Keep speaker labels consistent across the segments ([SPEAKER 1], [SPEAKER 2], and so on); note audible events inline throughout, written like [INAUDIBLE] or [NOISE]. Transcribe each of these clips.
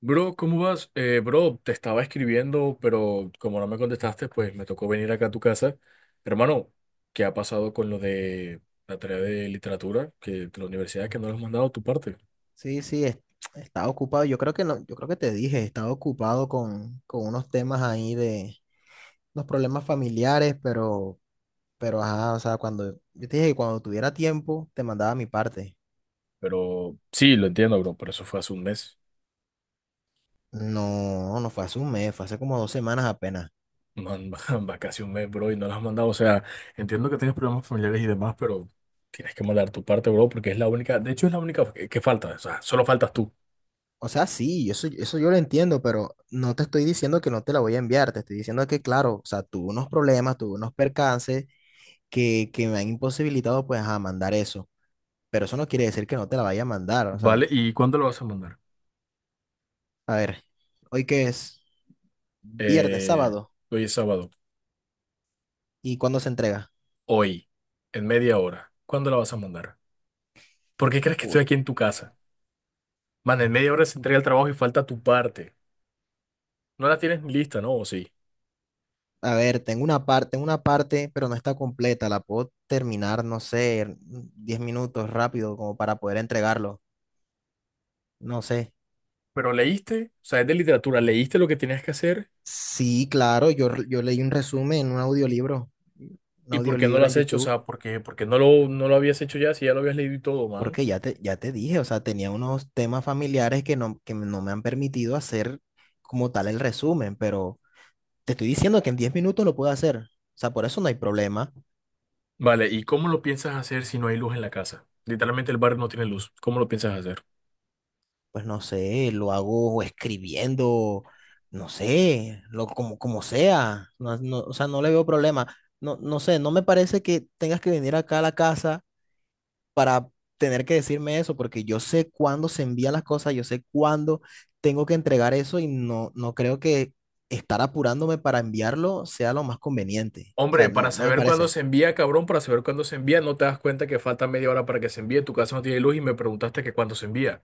[SPEAKER 1] Bro, ¿cómo vas? Bro, te estaba escribiendo, pero como no me contestaste, pues me tocó venir acá a tu casa. Hermano, ¿qué ha pasado con lo de la tarea de literatura que de la universidad que no lo has mandado a tu parte?
[SPEAKER 2] Sí, sí, estaba ocupado. Yo creo que no, yo creo que te dije, estaba ocupado con unos temas ahí de unos problemas familiares, pero ajá, o sea, cuando yo te dije que cuando tuviera tiempo te mandaba mi parte.
[SPEAKER 1] Pero sí, lo entiendo, bro, pero eso fue hace un mes.
[SPEAKER 2] No, no fue hace un mes, fue hace como 2 semanas apenas.
[SPEAKER 1] Man, [LAUGHS] va casi un mes, bro, y no lo has mandado. O sea, entiendo que tienes problemas familiares y demás, pero tienes que mandar tu parte, bro, porque es la única, de hecho es la única que falta, o sea, solo faltas tú,
[SPEAKER 2] O sea, sí, eso yo lo entiendo, pero no te estoy diciendo que no te la voy a enviar, te estoy diciendo que, claro, o sea, tuve unos problemas, tuve unos percances que me han imposibilitado, pues, a mandar eso. Pero eso no quiere decir que no te la vaya a mandar, o sea.
[SPEAKER 1] ¿vale? ¿Y cuándo lo vas a mandar?
[SPEAKER 2] A ver, hoy que es viernes,
[SPEAKER 1] Eh,
[SPEAKER 2] sábado,
[SPEAKER 1] hoy es sábado.
[SPEAKER 2] ¿y cuándo se entrega?
[SPEAKER 1] Hoy, en media hora, ¿cuándo la vas a mandar? ¿Por qué crees que
[SPEAKER 2] Uy,
[SPEAKER 1] estoy aquí en tu casa? Man, en media hora se entrega el trabajo y falta tu parte. No la tienes ni lista, ¿no? ¿O sí?
[SPEAKER 2] a ver, tengo una parte, pero no está completa. La puedo terminar, no sé, en 10 minutos rápido, como para poder entregarlo. No sé.
[SPEAKER 1] Pero leíste, o sea, es de literatura, leíste lo que tenías que hacer
[SPEAKER 2] Sí, claro, yo leí un resumen en un
[SPEAKER 1] y por qué no lo
[SPEAKER 2] audiolibro en
[SPEAKER 1] has hecho, o
[SPEAKER 2] YouTube,
[SPEAKER 1] sea, ¿por qué no lo habías hecho ya si ya lo habías leído y todo, man?
[SPEAKER 2] porque ya te dije, o sea, tenía unos temas familiares que no me han permitido hacer como tal el resumen, pero te estoy diciendo que en 10 minutos lo puedo hacer. O sea, por eso no hay problema.
[SPEAKER 1] Vale, ¿y cómo lo piensas hacer si no hay luz en la casa? Literalmente el barrio no tiene luz. ¿Cómo lo piensas hacer?
[SPEAKER 2] Pues no sé, lo hago escribiendo, no sé, lo, como, como sea, no, no, o sea, no le veo problema. No, no sé, no me parece que tengas que venir acá a la casa para tener que decirme eso, porque yo sé cuándo se envían las cosas, yo sé cuándo tengo que entregar eso y no, no creo que estar apurándome para enviarlo sea lo más conveniente. O
[SPEAKER 1] Hombre,
[SPEAKER 2] sea, no,
[SPEAKER 1] para
[SPEAKER 2] no me
[SPEAKER 1] saber cuándo
[SPEAKER 2] parece.
[SPEAKER 1] se envía, cabrón, para saber cuándo se envía, no te das cuenta que falta media hora para que se envíe, tu casa no tiene luz y me preguntaste que cuándo se envía.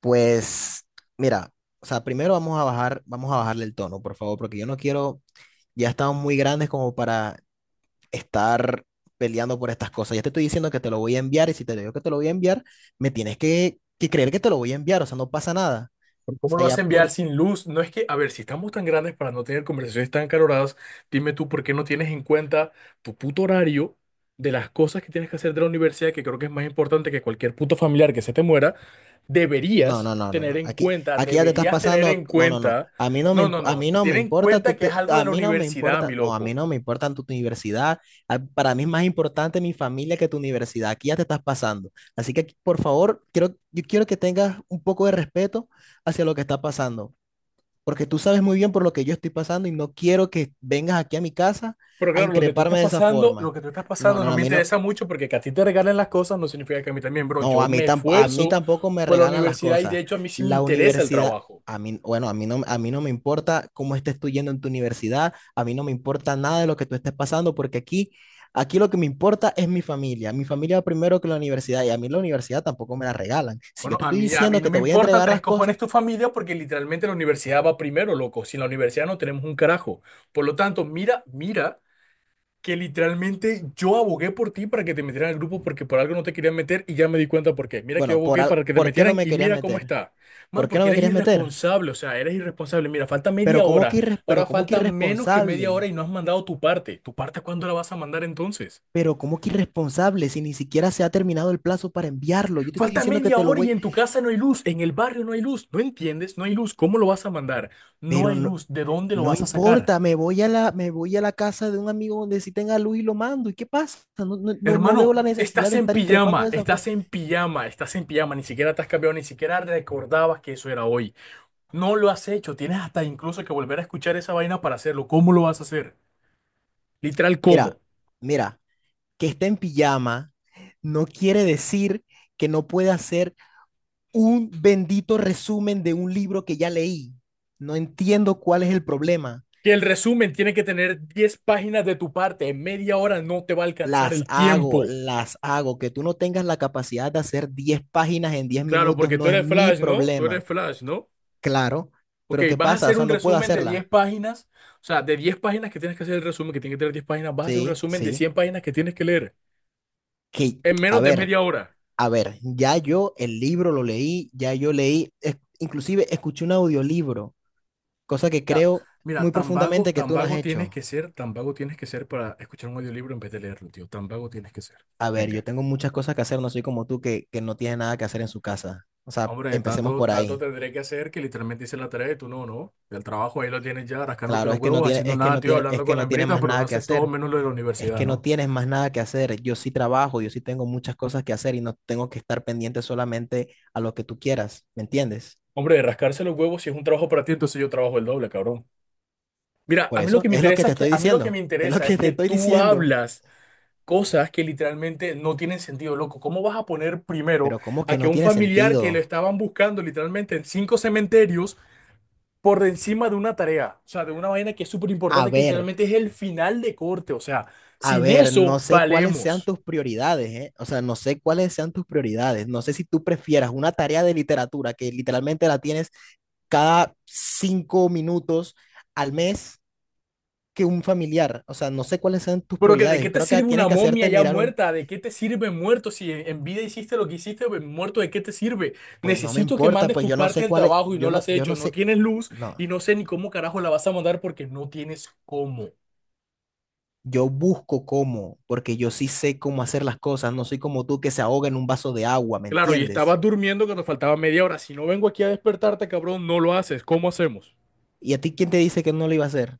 [SPEAKER 2] Pues, mira, o sea, primero vamos a bajarle el tono, por favor, porque yo no quiero. Ya estamos muy grandes como para estar peleando por estas cosas. Ya te estoy diciendo que te lo voy a enviar y si te digo que te lo voy a enviar, me tienes que creer que te lo voy a enviar, o sea, no pasa nada.
[SPEAKER 1] Pero
[SPEAKER 2] O
[SPEAKER 1] ¿cómo lo
[SPEAKER 2] sea,
[SPEAKER 1] vas
[SPEAKER 2] ya
[SPEAKER 1] a enviar
[SPEAKER 2] por...
[SPEAKER 1] sin luz? No es que, a ver, si estamos tan grandes para no tener conversaciones tan caloradas, dime tú por qué no tienes en cuenta tu puto horario de las cosas que tienes que hacer de la universidad, que creo que es más importante que cualquier puto familiar que se te muera,
[SPEAKER 2] No, no,
[SPEAKER 1] deberías
[SPEAKER 2] no, no,
[SPEAKER 1] tener
[SPEAKER 2] no.
[SPEAKER 1] en
[SPEAKER 2] Aquí,
[SPEAKER 1] cuenta,
[SPEAKER 2] aquí ya te estás
[SPEAKER 1] deberías tener en
[SPEAKER 2] pasando. No, no, no.
[SPEAKER 1] cuenta,
[SPEAKER 2] A mí no me,
[SPEAKER 1] no,
[SPEAKER 2] imp-
[SPEAKER 1] no,
[SPEAKER 2] a mí
[SPEAKER 1] no,
[SPEAKER 2] no me
[SPEAKER 1] ten en
[SPEAKER 2] importa tu
[SPEAKER 1] cuenta que es
[SPEAKER 2] te-
[SPEAKER 1] algo de
[SPEAKER 2] a
[SPEAKER 1] la
[SPEAKER 2] mí no me
[SPEAKER 1] universidad,
[SPEAKER 2] importa,
[SPEAKER 1] mi
[SPEAKER 2] no, a mí
[SPEAKER 1] loco.
[SPEAKER 2] no me importa tu universidad. Para mí es más importante mi familia que tu universidad. Aquí ya te estás pasando. Así que, aquí, por favor, quiero, yo quiero que tengas un poco de respeto hacia lo que está pasando. Porque tú sabes muy bien por lo que yo estoy pasando y no quiero que vengas aquí a mi casa
[SPEAKER 1] Pero
[SPEAKER 2] a
[SPEAKER 1] claro, lo que tú estás
[SPEAKER 2] increparme de esa
[SPEAKER 1] pasando, lo
[SPEAKER 2] forma.
[SPEAKER 1] que tú estás
[SPEAKER 2] No,
[SPEAKER 1] pasando no
[SPEAKER 2] no, a
[SPEAKER 1] me
[SPEAKER 2] mí no,
[SPEAKER 1] interesa mucho porque que a ti te regalen las cosas no significa que a mí también, bro.
[SPEAKER 2] no,
[SPEAKER 1] Yo
[SPEAKER 2] a mí,
[SPEAKER 1] me
[SPEAKER 2] tam- a mí
[SPEAKER 1] esfuerzo
[SPEAKER 2] tampoco me
[SPEAKER 1] por la
[SPEAKER 2] regalan las
[SPEAKER 1] universidad y de
[SPEAKER 2] cosas.
[SPEAKER 1] hecho a mí sí me
[SPEAKER 2] La
[SPEAKER 1] interesa el
[SPEAKER 2] universidad,
[SPEAKER 1] trabajo.
[SPEAKER 2] a mí, bueno, a mí no me importa cómo estés tú yendo en tu universidad, a mí no me importa nada de lo que tú estés pasando, porque aquí lo que me importa es mi familia. Mi familia va primero que la universidad y a mí la universidad tampoco me la regalan. Si yo
[SPEAKER 1] Bueno,
[SPEAKER 2] te estoy
[SPEAKER 1] a mí
[SPEAKER 2] diciendo
[SPEAKER 1] no
[SPEAKER 2] que
[SPEAKER 1] me
[SPEAKER 2] te voy a
[SPEAKER 1] importa
[SPEAKER 2] entregar
[SPEAKER 1] tres
[SPEAKER 2] las
[SPEAKER 1] cojones
[SPEAKER 2] cosas,
[SPEAKER 1] tu familia porque literalmente la universidad va primero, loco. Sin la universidad no tenemos un carajo. Por lo tanto, mira, mira, que literalmente yo abogué por ti para que te metieran al grupo porque por algo no te querían meter y ya me di cuenta por qué. Mira que yo
[SPEAKER 2] bueno,
[SPEAKER 1] abogué para que te
[SPEAKER 2] ¿por qué no
[SPEAKER 1] metieran
[SPEAKER 2] me
[SPEAKER 1] y
[SPEAKER 2] querías
[SPEAKER 1] mira cómo
[SPEAKER 2] meter?
[SPEAKER 1] está. Man,
[SPEAKER 2] ¿Por qué no
[SPEAKER 1] porque
[SPEAKER 2] me
[SPEAKER 1] eres
[SPEAKER 2] querías meter?
[SPEAKER 1] irresponsable, o sea, eres irresponsable. Mira, falta
[SPEAKER 2] Pero
[SPEAKER 1] media
[SPEAKER 2] ¿cómo
[SPEAKER 1] hora.
[SPEAKER 2] que irres- pero
[SPEAKER 1] Ahora
[SPEAKER 2] cómo que
[SPEAKER 1] falta menos que media hora
[SPEAKER 2] irresponsable?
[SPEAKER 1] y no has mandado tu parte. ¿Tu parte cuándo la vas a mandar entonces?
[SPEAKER 2] Pero ¿cómo que irresponsable si ni siquiera se ha terminado el plazo para enviarlo? Yo te estoy
[SPEAKER 1] Falta
[SPEAKER 2] diciendo que
[SPEAKER 1] media
[SPEAKER 2] te lo
[SPEAKER 1] hora y
[SPEAKER 2] voy,
[SPEAKER 1] en tu casa no hay luz, en el barrio no hay luz. ¿No entiendes? No hay luz. ¿Cómo lo vas a mandar? No
[SPEAKER 2] pero
[SPEAKER 1] hay
[SPEAKER 2] no,
[SPEAKER 1] luz. ¿De dónde lo
[SPEAKER 2] no
[SPEAKER 1] vas a sacar?
[SPEAKER 2] importa, me voy a la casa de un amigo donde sí tenga luz y lo mando. ¿Y qué pasa? No, no, no, no veo
[SPEAKER 1] Hermano,
[SPEAKER 2] la necesidad
[SPEAKER 1] estás
[SPEAKER 2] de
[SPEAKER 1] en
[SPEAKER 2] estar increpando
[SPEAKER 1] pijama,
[SPEAKER 2] de esa forma.
[SPEAKER 1] estás en pijama, estás en pijama, ni siquiera te has cambiado, ni siquiera recordabas que eso era hoy. No lo has hecho, tienes hasta incluso que volver a escuchar esa vaina para hacerlo. ¿Cómo lo vas a hacer? Literal,
[SPEAKER 2] Mira,
[SPEAKER 1] ¿cómo?
[SPEAKER 2] mira, que esté en pijama no quiere decir que no pueda hacer un bendito resumen de un libro que ya leí. No entiendo cuál es el problema.
[SPEAKER 1] Que el resumen tiene que tener 10 páginas de tu parte, en media hora no te va a alcanzar
[SPEAKER 2] Las
[SPEAKER 1] el
[SPEAKER 2] hago,
[SPEAKER 1] tiempo.
[SPEAKER 2] las hago. Que tú no tengas la capacidad de hacer 10 páginas en 10
[SPEAKER 1] Claro,
[SPEAKER 2] minutos
[SPEAKER 1] porque tú
[SPEAKER 2] no es
[SPEAKER 1] eres
[SPEAKER 2] mi
[SPEAKER 1] Flash, ¿no? Tú eres
[SPEAKER 2] problema,
[SPEAKER 1] Flash, ¿no?
[SPEAKER 2] claro.
[SPEAKER 1] Ok,
[SPEAKER 2] Pero ¿qué
[SPEAKER 1] vas a
[SPEAKER 2] pasa? O
[SPEAKER 1] hacer
[SPEAKER 2] sea,
[SPEAKER 1] un
[SPEAKER 2] no puedo
[SPEAKER 1] resumen de 10
[SPEAKER 2] hacerla.
[SPEAKER 1] páginas, o sea, de 10 páginas que tienes que hacer el resumen, que tiene que tener 10 páginas, vas a hacer un
[SPEAKER 2] Sí,
[SPEAKER 1] resumen de
[SPEAKER 2] sí.
[SPEAKER 1] 100 páginas que tienes que leer
[SPEAKER 2] Que,
[SPEAKER 1] en
[SPEAKER 2] a
[SPEAKER 1] menos de
[SPEAKER 2] ver,
[SPEAKER 1] media hora.
[SPEAKER 2] a ver, ya yo el libro lo leí, ya yo leí, inclusive escuché un audiolibro, cosa que
[SPEAKER 1] Ya,
[SPEAKER 2] creo
[SPEAKER 1] mira,
[SPEAKER 2] muy profundamente que
[SPEAKER 1] tan
[SPEAKER 2] tú no has
[SPEAKER 1] vago tienes que
[SPEAKER 2] hecho.
[SPEAKER 1] ser, tan vago tienes que ser para escuchar un audiolibro en vez de leerlo, tío. Tan vago tienes que ser.
[SPEAKER 2] A ver, yo
[SPEAKER 1] Venga.
[SPEAKER 2] tengo muchas cosas que hacer, no soy como tú que no tiene nada que hacer en su casa. O sea,
[SPEAKER 1] Hombre,
[SPEAKER 2] empecemos
[SPEAKER 1] tanto,
[SPEAKER 2] por
[SPEAKER 1] tanto
[SPEAKER 2] ahí.
[SPEAKER 1] tendré que hacer que literalmente hice la tarea y tú no, ¿no? El trabajo ahí lo tienes ya, rascándote
[SPEAKER 2] Claro,
[SPEAKER 1] los
[SPEAKER 2] es que no
[SPEAKER 1] huevos,
[SPEAKER 2] tiene,
[SPEAKER 1] haciendo
[SPEAKER 2] es que
[SPEAKER 1] nada,
[SPEAKER 2] no
[SPEAKER 1] tío,
[SPEAKER 2] tiene, es
[SPEAKER 1] hablando
[SPEAKER 2] que
[SPEAKER 1] con la
[SPEAKER 2] no tiene
[SPEAKER 1] hembrita,
[SPEAKER 2] más
[SPEAKER 1] pero no
[SPEAKER 2] nada que
[SPEAKER 1] haces todo
[SPEAKER 2] hacer.
[SPEAKER 1] menos lo de la
[SPEAKER 2] Es
[SPEAKER 1] universidad,
[SPEAKER 2] que no
[SPEAKER 1] ¿no?
[SPEAKER 2] tienes más nada que hacer. Yo sí trabajo, yo sí tengo muchas cosas que hacer y no tengo que estar pendiente solamente a lo que tú quieras, ¿me entiendes?
[SPEAKER 1] Hombre, rascarse los huevos si es un trabajo para ti, entonces yo trabajo el doble, cabrón. Mira,
[SPEAKER 2] Por
[SPEAKER 1] a mí lo
[SPEAKER 2] eso
[SPEAKER 1] que me
[SPEAKER 2] es lo que
[SPEAKER 1] interesa
[SPEAKER 2] te
[SPEAKER 1] es que,
[SPEAKER 2] estoy
[SPEAKER 1] a mí lo que me
[SPEAKER 2] diciendo, [LAUGHS] es lo
[SPEAKER 1] interesa
[SPEAKER 2] que
[SPEAKER 1] es
[SPEAKER 2] te
[SPEAKER 1] que
[SPEAKER 2] estoy
[SPEAKER 1] tú
[SPEAKER 2] diciendo.
[SPEAKER 1] hablas cosas que literalmente no tienen sentido, loco. ¿Cómo vas a poner primero
[SPEAKER 2] Pero ¿cómo
[SPEAKER 1] a
[SPEAKER 2] que
[SPEAKER 1] que
[SPEAKER 2] no
[SPEAKER 1] un
[SPEAKER 2] tiene
[SPEAKER 1] familiar que lo
[SPEAKER 2] sentido?
[SPEAKER 1] estaban buscando literalmente en cinco cementerios por encima de una tarea? O sea, de una vaina que es súper
[SPEAKER 2] A
[SPEAKER 1] importante, que
[SPEAKER 2] ver,
[SPEAKER 1] literalmente es el final de corte. O sea,
[SPEAKER 2] a
[SPEAKER 1] sin
[SPEAKER 2] ver, no
[SPEAKER 1] eso
[SPEAKER 2] sé cuáles sean
[SPEAKER 1] valemos.
[SPEAKER 2] tus prioridades, ¿eh? O sea, no sé cuáles sean tus prioridades. No sé si tú prefieras una tarea de literatura que literalmente la tienes cada 5 minutos al mes que un familiar. O sea, no sé cuáles sean tus
[SPEAKER 1] Pero que, ¿de
[SPEAKER 2] prioridades.
[SPEAKER 1] qué
[SPEAKER 2] Yo
[SPEAKER 1] te
[SPEAKER 2] creo que
[SPEAKER 1] sirve una
[SPEAKER 2] tienes que
[SPEAKER 1] momia
[SPEAKER 2] hacerte
[SPEAKER 1] ya
[SPEAKER 2] mirar un.
[SPEAKER 1] muerta? ¿De qué te sirve muerto? Si en vida hiciste lo que hiciste, pues, muerto, ¿de qué te sirve?
[SPEAKER 2] Pues no me
[SPEAKER 1] Necesito que
[SPEAKER 2] importa,
[SPEAKER 1] mandes
[SPEAKER 2] pues
[SPEAKER 1] tu
[SPEAKER 2] yo no
[SPEAKER 1] parte
[SPEAKER 2] sé
[SPEAKER 1] del
[SPEAKER 2] cuál es,
[SPEAKER 1] trabajo y no
[SPEAKER 2] yo
[SPEAKER 1] la
[SPEAKER 2] no,
[SPEAKER 1] has
[SPEAKER 2] yo
[SPEAKER 1] hecho.
[SPEAKER 2] no
[SPEAKER 1] No
[SPEAKER 2] sé,
[SPEAKER 1] tienes luz
[SPEAKER 2] no,
[SPEAKER 1] y no sé ni cómo carajo la vas a mandar porque no tienes cómo.
[SPEAKER 2] yo busco cómo, porque yo sí sé cómo hacer las cosas, no soy como tú que se ahoga en un vaso de agua, ¿me
[SPEAKER 1] Claro, y
[SPEAKER 2] entiendes?
[SPEAKER 1] estabas durmiendo cuando faltaba media hora. Si no vengo aquí a despertarte, cabrón, no lo haces. ¿Cómo hacemos?
[SPEAKER 2] ¿Y a ti quién te dice que no lo iba a hacer?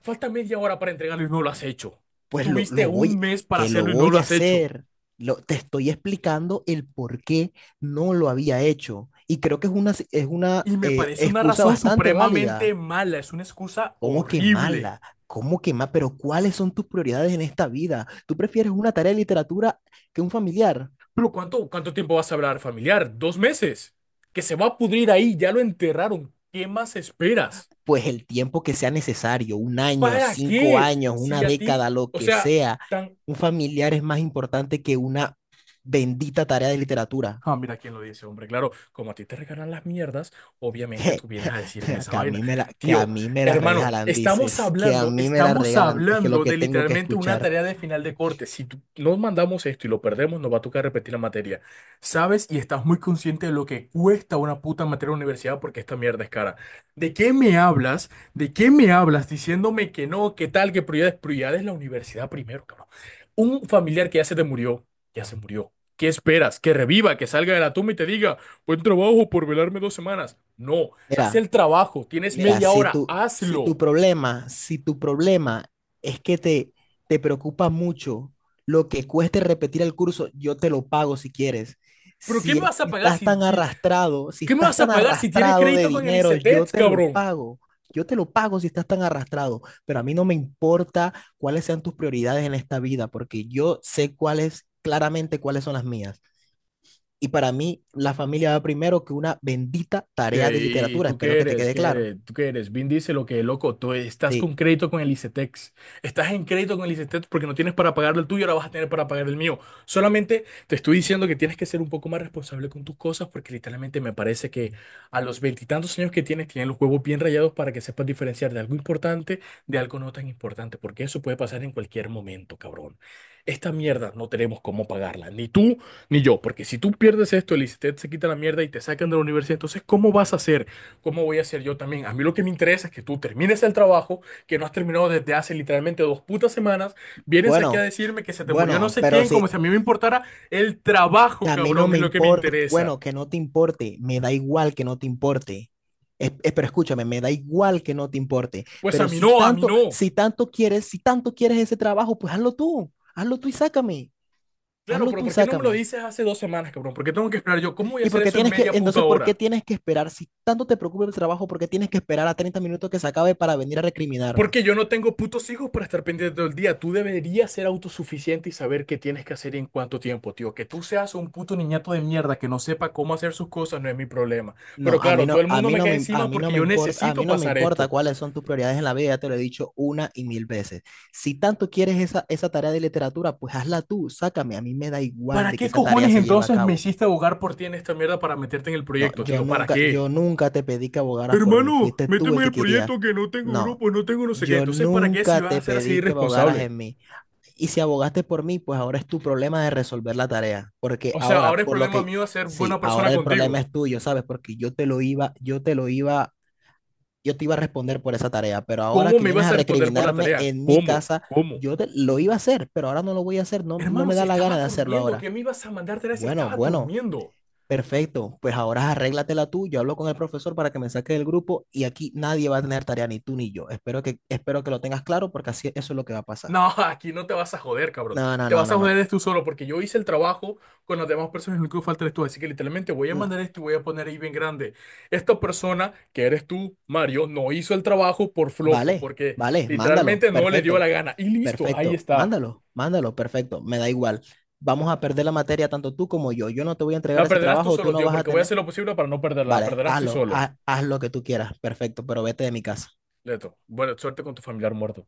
[SPEAKER 1] Falta media hora para entregarlo y no lo has hecho.
[SPEAKER 2] Pues
[SPEAKER 1] Tuviste un mes para
[SPEAKER 2] que lo
[SPEAKER 1] hacerlo y no
[SPEAKER 2] voy
[SPEAKER 1] lo
[SPEAKER 2] a
[SPEAKER 1] has hecho.
[SPEAKER 2] hacer. Lo, te estoy explicando el por qué no lo había hecho. Y creo que es una
[SPEAKER 1] Y me parece una
[SPEAKER 2] excusa
[SPEAKER 1] razón
[SPEAKER 2] bastante
[SPEAKER 1] supremamente
[SPEAKER 2] válida.
[SPEAKER 1] mala. Es una excusa
[SPEAKER 2] ¿Cómo que
[SPEAKER 1] horrible.
[SPEAKER 2] mala? Pero ¿cuáles son tus prioridades en esta vida? ¿Tú prefieres una tarea de literatura que un familiar?
[SPEAKER 1] Pero ¿cuánto tiempo vas a hablar, familiar? ¿2 meses? Que se va a pudrir ahí. Ya lo enterraron. ¿Qué más esperas?
[SPEAKER 2] Pues el tiempo que sea necesario, un año,
[SPEAKER 1] ¿Para
[SPEAKER 2] cinco
[SPEAKER 1] qué?
[SPEAKER 2] años, una
[SPEAKER 1] Si a ti,
[SPEAKER 2] década, lo
[SPEAKER 1] o
[SPEAKER 2] que
[SPEAKER 1] sea,
[SPEAKER 2] sea,
[SPEAKER 1] tan...
[SPEAKER 2] un familiar es más importante que una bendita tarea de literatura.
[SPEAKER 1] Ah,
[SPEAKER 2] [LAUGHS]
[SPEAKER 1] mira quién lo dice, hombre. Claro, como a ti te regalan las mierdas, obviamente
[SPEAKER 2] Que,
[SPEAKER 1] tú vienes a decirme esa
[SPEAKER 2] que, a
[SPEAKER 1] vaina.
[SPEAKER 2] mí me la, que a
[SPEAKER 1] Tío,
[SPEAKER 2] mí me la
[SPEAKER 1] hermano,
[SPEAKER 2] regalan, dices, que a mí me la
[SPEAKER 1] estamos
[SPEAKER 2] regalan, es que lo
[SPEAKER 1] hablando
[SPEAKER 2] que
[SPEAKER 1] de
[SPEAKER 2] tengo que
[SPEAKER 1] literalmente una
[SPEAKER 2] escuchar.
[SPEAKER 1] tarea de final de corte. Si tú- nos mandamos esto y lo perdemos, nos va a tocar repetir la materia. ¿Sabes? Y estás muy consciente de lo que cuesta una puta materia en la universidad porque esta mierda es cara. ¿De qué me hablas? ¿De qué me hablas diciéndome que no, qué tal, que prioridades? Prioridades la universidad primero, cabrón. Un familiar que ya se te murió, ya se murió. ¿Qué esperas? ¿Que reviva, que salga de la tumba y te diga, buen trabajo por velarme 2 semanas? No, haz
[SPEAKER 2] Mira,
[SPEAKER 1] el trabajo, tienes media
[SPEAKER 2] Si
[SPEAKER 1] hora, hazlo.
[SPEAKER 2] tu problema es que te preocupa mucho lo que cueste repetir el curso, yo te lo pago si quieres.
[SPEAKER 1] ¿Pero qué
[SPEAKER 2] Si
[SPEAKER 1] me
[SPEAKER 2] es
[SPEAKER 1] vas a
[SPEAKER 2] que
[SPEAKER 1] pagar
[SPEAKER 2] estás
[SPEAKER 1] si,
[SPEAKER 2] tan
[SPEAKER 1] si,
[SPEAKER 2] arrastrado, si
[SPEAKER 1] qué me
[SPEAKER 2] estás
[SPEAKER 1] vas a
[SPEAKER 2] tan
[SPEAKER 1] pagar si tienes
[SPEAKER 2] arrastrado de
[SPEAKER 1] crédito con el
[SPEAKER 2] dinero, yo
[SPEAKER 1] ICETEX,
[SPEAKER 2] te lo
[SPEAKER 1] cabrón?
[SPEAKER 2] pago. Yo te lo pago si estás tan arrastrado, pero a mí no me importa cuáles sean tus prioridades en esta vida, porque yo sé cuáles, claramente cuáles son las mías. Y para mí, la familia va primero que una bendita tarea
[SPEAKER 1] ¿Qué?
[SPEAKER 2] de
[SPEAKER 1] ¿Y
[SPEAKER 2] literatura.
[SPEAKER 1] tú
[SPEAKER 2] Espero
[SPEAKER 1] qué
[SPEAKER 2] que te
[SPEAKER 1] eres?
[SPEAKER 2] quede
[SPEAKER 1] ¿Qué
[SPEAKER 2] claro.
[SPEAKER 1] eres? ¿Tú qué eres? Vin dice lo que loco, tú estás
[SPEAKER 2] Sí.
[SPEAKER 1] con crédito con el ICETEX. Estás en crédito con el ICETEX porque no tienes para pagar el tuyo, ahora vas a tener para pagar el mío. Solamente te estoy diciendo que tienes que ser un poco más responsable con tus cosas porque literalmente me parece que a los veintitantos años que tienes, tienes los huevos bien rayados para que sepas diferenciar de algo importante de algo no tan importante, porque eso puede pasar en cualquier momento, cabrón. Esta mierda no tenemos cómo pagarla, ni tú ni yo, porque si tú pierdes esto, el ICETEX se quita la mierda y te sacan de la universidad, entonces, ¿cómo vas a hacer? ¿Cómo voy a hacer yo también? A mí lo que me interesa es que tú termines el trabajo, que no has terminado desde hace literalmente 2 putas semanas, vienes aquí a
[SPEAKER 2] Bueno,
[SPEAKER 1] decirme que se te murió no
[SPEAKER 2] bueno,
[SPEAKER 1] sé
[SPEAKER 2] pero
[SPEAKER 1] quién, como
[SPEAKER 2] si
[SPEAKER 1] si a mí me importara el trabajo,
[SPEAKER 2] a mí no
[SPEAKER 1] cabrón,
[SPEAKER 2] me
[SPEAKER 1] es lo que me
[SPEAKER 2] importa,
[SPEAKER 1] interesa.
[SPEAKER 2] bueno, que no te importe, me da igual que no te importe. Pero escúchame, me da igual que no te importe.
[SPEAKER 1] Pues a
[SPEAKER 2] Pero
[SPEAKER 1] mí no, a mí no.
[SPEAKER 2] si tanto quieres ese trabajo, pues hazlo tú y sácame,
[SPEAKER 1] Claro,
[SPEAKER 2] hazlo
[SPEAKER 1] pero
[SPEAKER 2] tú y
[SPEAKER 1] ¿por qué no me lo
[SPEAKER 2] sácame.
[SPEAKER 1] dices hace 2 semanas, cabrón? ¿Por qué tengo que esperar yo? ¿Cómo voy a
[SPEAKER 2] ¿Y
[SPEAKER 1] hacer
[SPEAKER 2] por qué
[SPEAKER 1] eso en media puta
[SPEAKER 2] por qué
[SPEAKER 1] hora?
[SPEAKER 2] tienes que esperar? Si tanto te preocupa el trabajo, ¿por qué tienes que esperar a 30 minutos que se acabe para venir a recriminarme?
[SPEAKER 1] Porque yo no tengo putos hijos para estar pendiente todo el día. Tú deberías ser autosuficiente y saber qué tienes que hacer y en cuánto tiempo, tío. Que tú seas un puto niñato de mierda que no sepa cómo hacer sus cosas no es mi problema.
[SPEAKER 2] No,
[SPEAKER 1] Pero
[SPEAKER 2] a mí
[SPEAKER 1] claro, todo
[SPEAKER 2] no,
[SPEAKER 1] el
[SPEAKER 2] a
[SPEAKER 1] mundo
[SPEAKER 2] mí
[SPEAKER 1] me
[SPEAKER 2] no
[SPEAKER 1] cae
[SPEAKER 2] me, a
[SPEAKER 1] encima
[SPEAKER 2] mí
[SPEAKER 1] porque
[SPEAKER 2] no me
[SPEAKER 1] yo
[SPEAKER 2] importa, a
[SPEAKER 1] necesito
[SPEAKER 2] mí no me
[SPEAKER 1] pasar
[SPEAKER 2] importa
[SPEAKER 1] esto.
[SPEAKER 2] cuáles son tus prioridades en la vida, ya te lo he dicho una y mil veces. Si tanto quieres esa tarea de literatura, pues hazla tú, sácame, a mí me da igual
[SPEAKER 1] ¿Para
[SPEAKER 2] de que
[SPEAKER 1] qué
[SPEAKER 2] esa tarea
[SPEAKER 1] cojones
[SPEAKER 2] se lleve a
[SPEAKER 1] entonces me
[SPEAKER 2] cabo.
[SPEAKER 1] hiciste abogar por ti en esta mierda para meterte en el
[SPEAKER 2] No,
[SPEAKER 1] proyecto,
[SPEAKER 2] yo
[SPEAKER 1] tío? ¿Para
[SPEAKER 2] nunca,
[SPEAKER 1] qué?
[SPEAKER 2] yo nunca te pedí que abogaras por mí,
[SPEAKER 1] Hermano,
[SPEAKER 2] fuiste tú
[SPEAKER 1] méteme
[SPEAKER 2] el
[SPEAKER 1] en
[SPEAKER 2] que
[SPEAKER 1] el
[SPEAKER 2] querías.
[SPEAKER 1] proyecto que no tengo
[SPEAKER 2] No,
[SPEAKER 1] grupo, no tengo no sé qué.
[SPEAKER 2] yo
[SPEAKER 1] Entonces, ¿para qué si
[SPEAKER 2] nunca
[SPEAKER 1] vas a
[SPEAKER 2] te
[SPEAKER 1] ser así
[SPEAKER 2] pedí que abogaras
[SPEAKER 1] irresponsable?
[SPEAKER 2] en mí. Y si abogaste por mí, pues ahora es tu problema de resolver la tarea, porque
[SPEAKER 1] O sea,
[SPEAKER 2] ahora,
[SPEAKER 1] ahora es
[SPEAKER 2] por lo
[SPEAKER 1] problema
[SPEAKER 2] que,
[SPEAKER 1] mío ser
[SPEAKER 2] sí,
[SPEAKER 1] buena persona
[SPEAKER 2] ahora el problema
[SPEAKER 1] contigo.
[SPEAKER 2] es tuyo, ¿sabes? Porque yo te iba a responder por esa tarea, pero ahora
[SPEAKER 1] ¿Cómo
[SPEAKER 2] que
[SPEAKER 1] me
[SPEAKER 2] vienes
[SPEAKER 1] ibas
[SPEAKER 2] a
[SPEAKER 1] a responder por la
[SPEAKER 2] recriminarme
[SPEAKER 1] tarea?
[SPEAKER 2] en mi
[SPEAKER 1] ¿Cómo?
[SPEAKER 2] casa,
[SPEAKER 1] ¿Cómo?
[SPEAKER 2] lo iba a hacer, pero ahora no lo voy a hacer, no, no
[SPEAKER 1] Hermano,
[SPEAKER 2] me
[SPEAKER 1] si
[SPEAKER 2] da la gana
[SPEAKER 1] estaba
[SPEAKER 2] de hacerlo
[SPEAKER 1] durmiendo,
[SPEAKER 2] ahora.
[SPEAKER 1] ¿qué me ibas a mandar tarea si
[SPEAKER 2] Bueno,
[SPEAKER 1] estaba
[SPEAKER 2] bueno,
[SPEAKER 1] durmiendo?
[SPEAKER 2] perfecto, pues ahora arréglatela tú, yo hablo con el profesor para que me saque del grupo y aquí nadie va a tener tarea, ni tú ni yo. Espero que lo tengas claro porque así eso es lo que va a pasar.
[SPEAKER 1] No, [LAUGHS] aquí no te vas a joder, cabrón.
[SPEAKER 2] No, no,
[SPEAKER 1] Te
[SPEAKER 2] no,
[SPEAKER 1] vas a
[SPEAKER 2] no,
[SPEAKER 1] joder
[SPEAKER 2] no,
[SPEAKER 1] eres tú solo porque yo hice el trabajo con las demás personas y lo único que falta eres tú. Así que literalmente voy a mandar
[SPEAKER 2] no.
[SPEAKER 1] esto y voy a poner ahí bien grande. Esta persona, que eres tú, Mario, no hizo el trabajo por flojo,
[SPEAKER 2] Vale,
[SPEAKER 1] porque
[SPEAKER 2] vale, mándalo,
[SPEAKER 1] literalmente no le dio
[SPEAKER 2] perfecto,
[SPEAKER 1] la gana. Y listo, ahí
[SPEAKER 2] perfecto,
[SPEAKER 1] está.
[SPEAKER 2] mándalo, mándalo, perfecto, me da igual. Vamos a perder la materia tanto tú como yo. Yo no te voy a entregar
[SPEAKER 1] La
[SPEAKER 2] ese
[SPEAKER 1] perderás tú
[SPEAKER 2] trabajo, tú
[SPEAKER 1] solo,
[SPEAKER 2] no
[SPEAKER 1] tío,
[SPEAKER 2] vas a
[SPEAKER 1] porque voy a
[SPEAKER 2] tener.
[SPEAKER 1] hacer lo posible para no perderla. La
[SPEAKER 2] Vale,
[SPEAKER 1] perderás tú
[SPEAKER 2] hazlo,
[SPEAKER 1] solo.
[SPEAKER 2] haz lo que tú quieras, perfecto, pero vete de mi casa.
[SPEAKER 1] Leto, buena suerte con tu familiar muerto.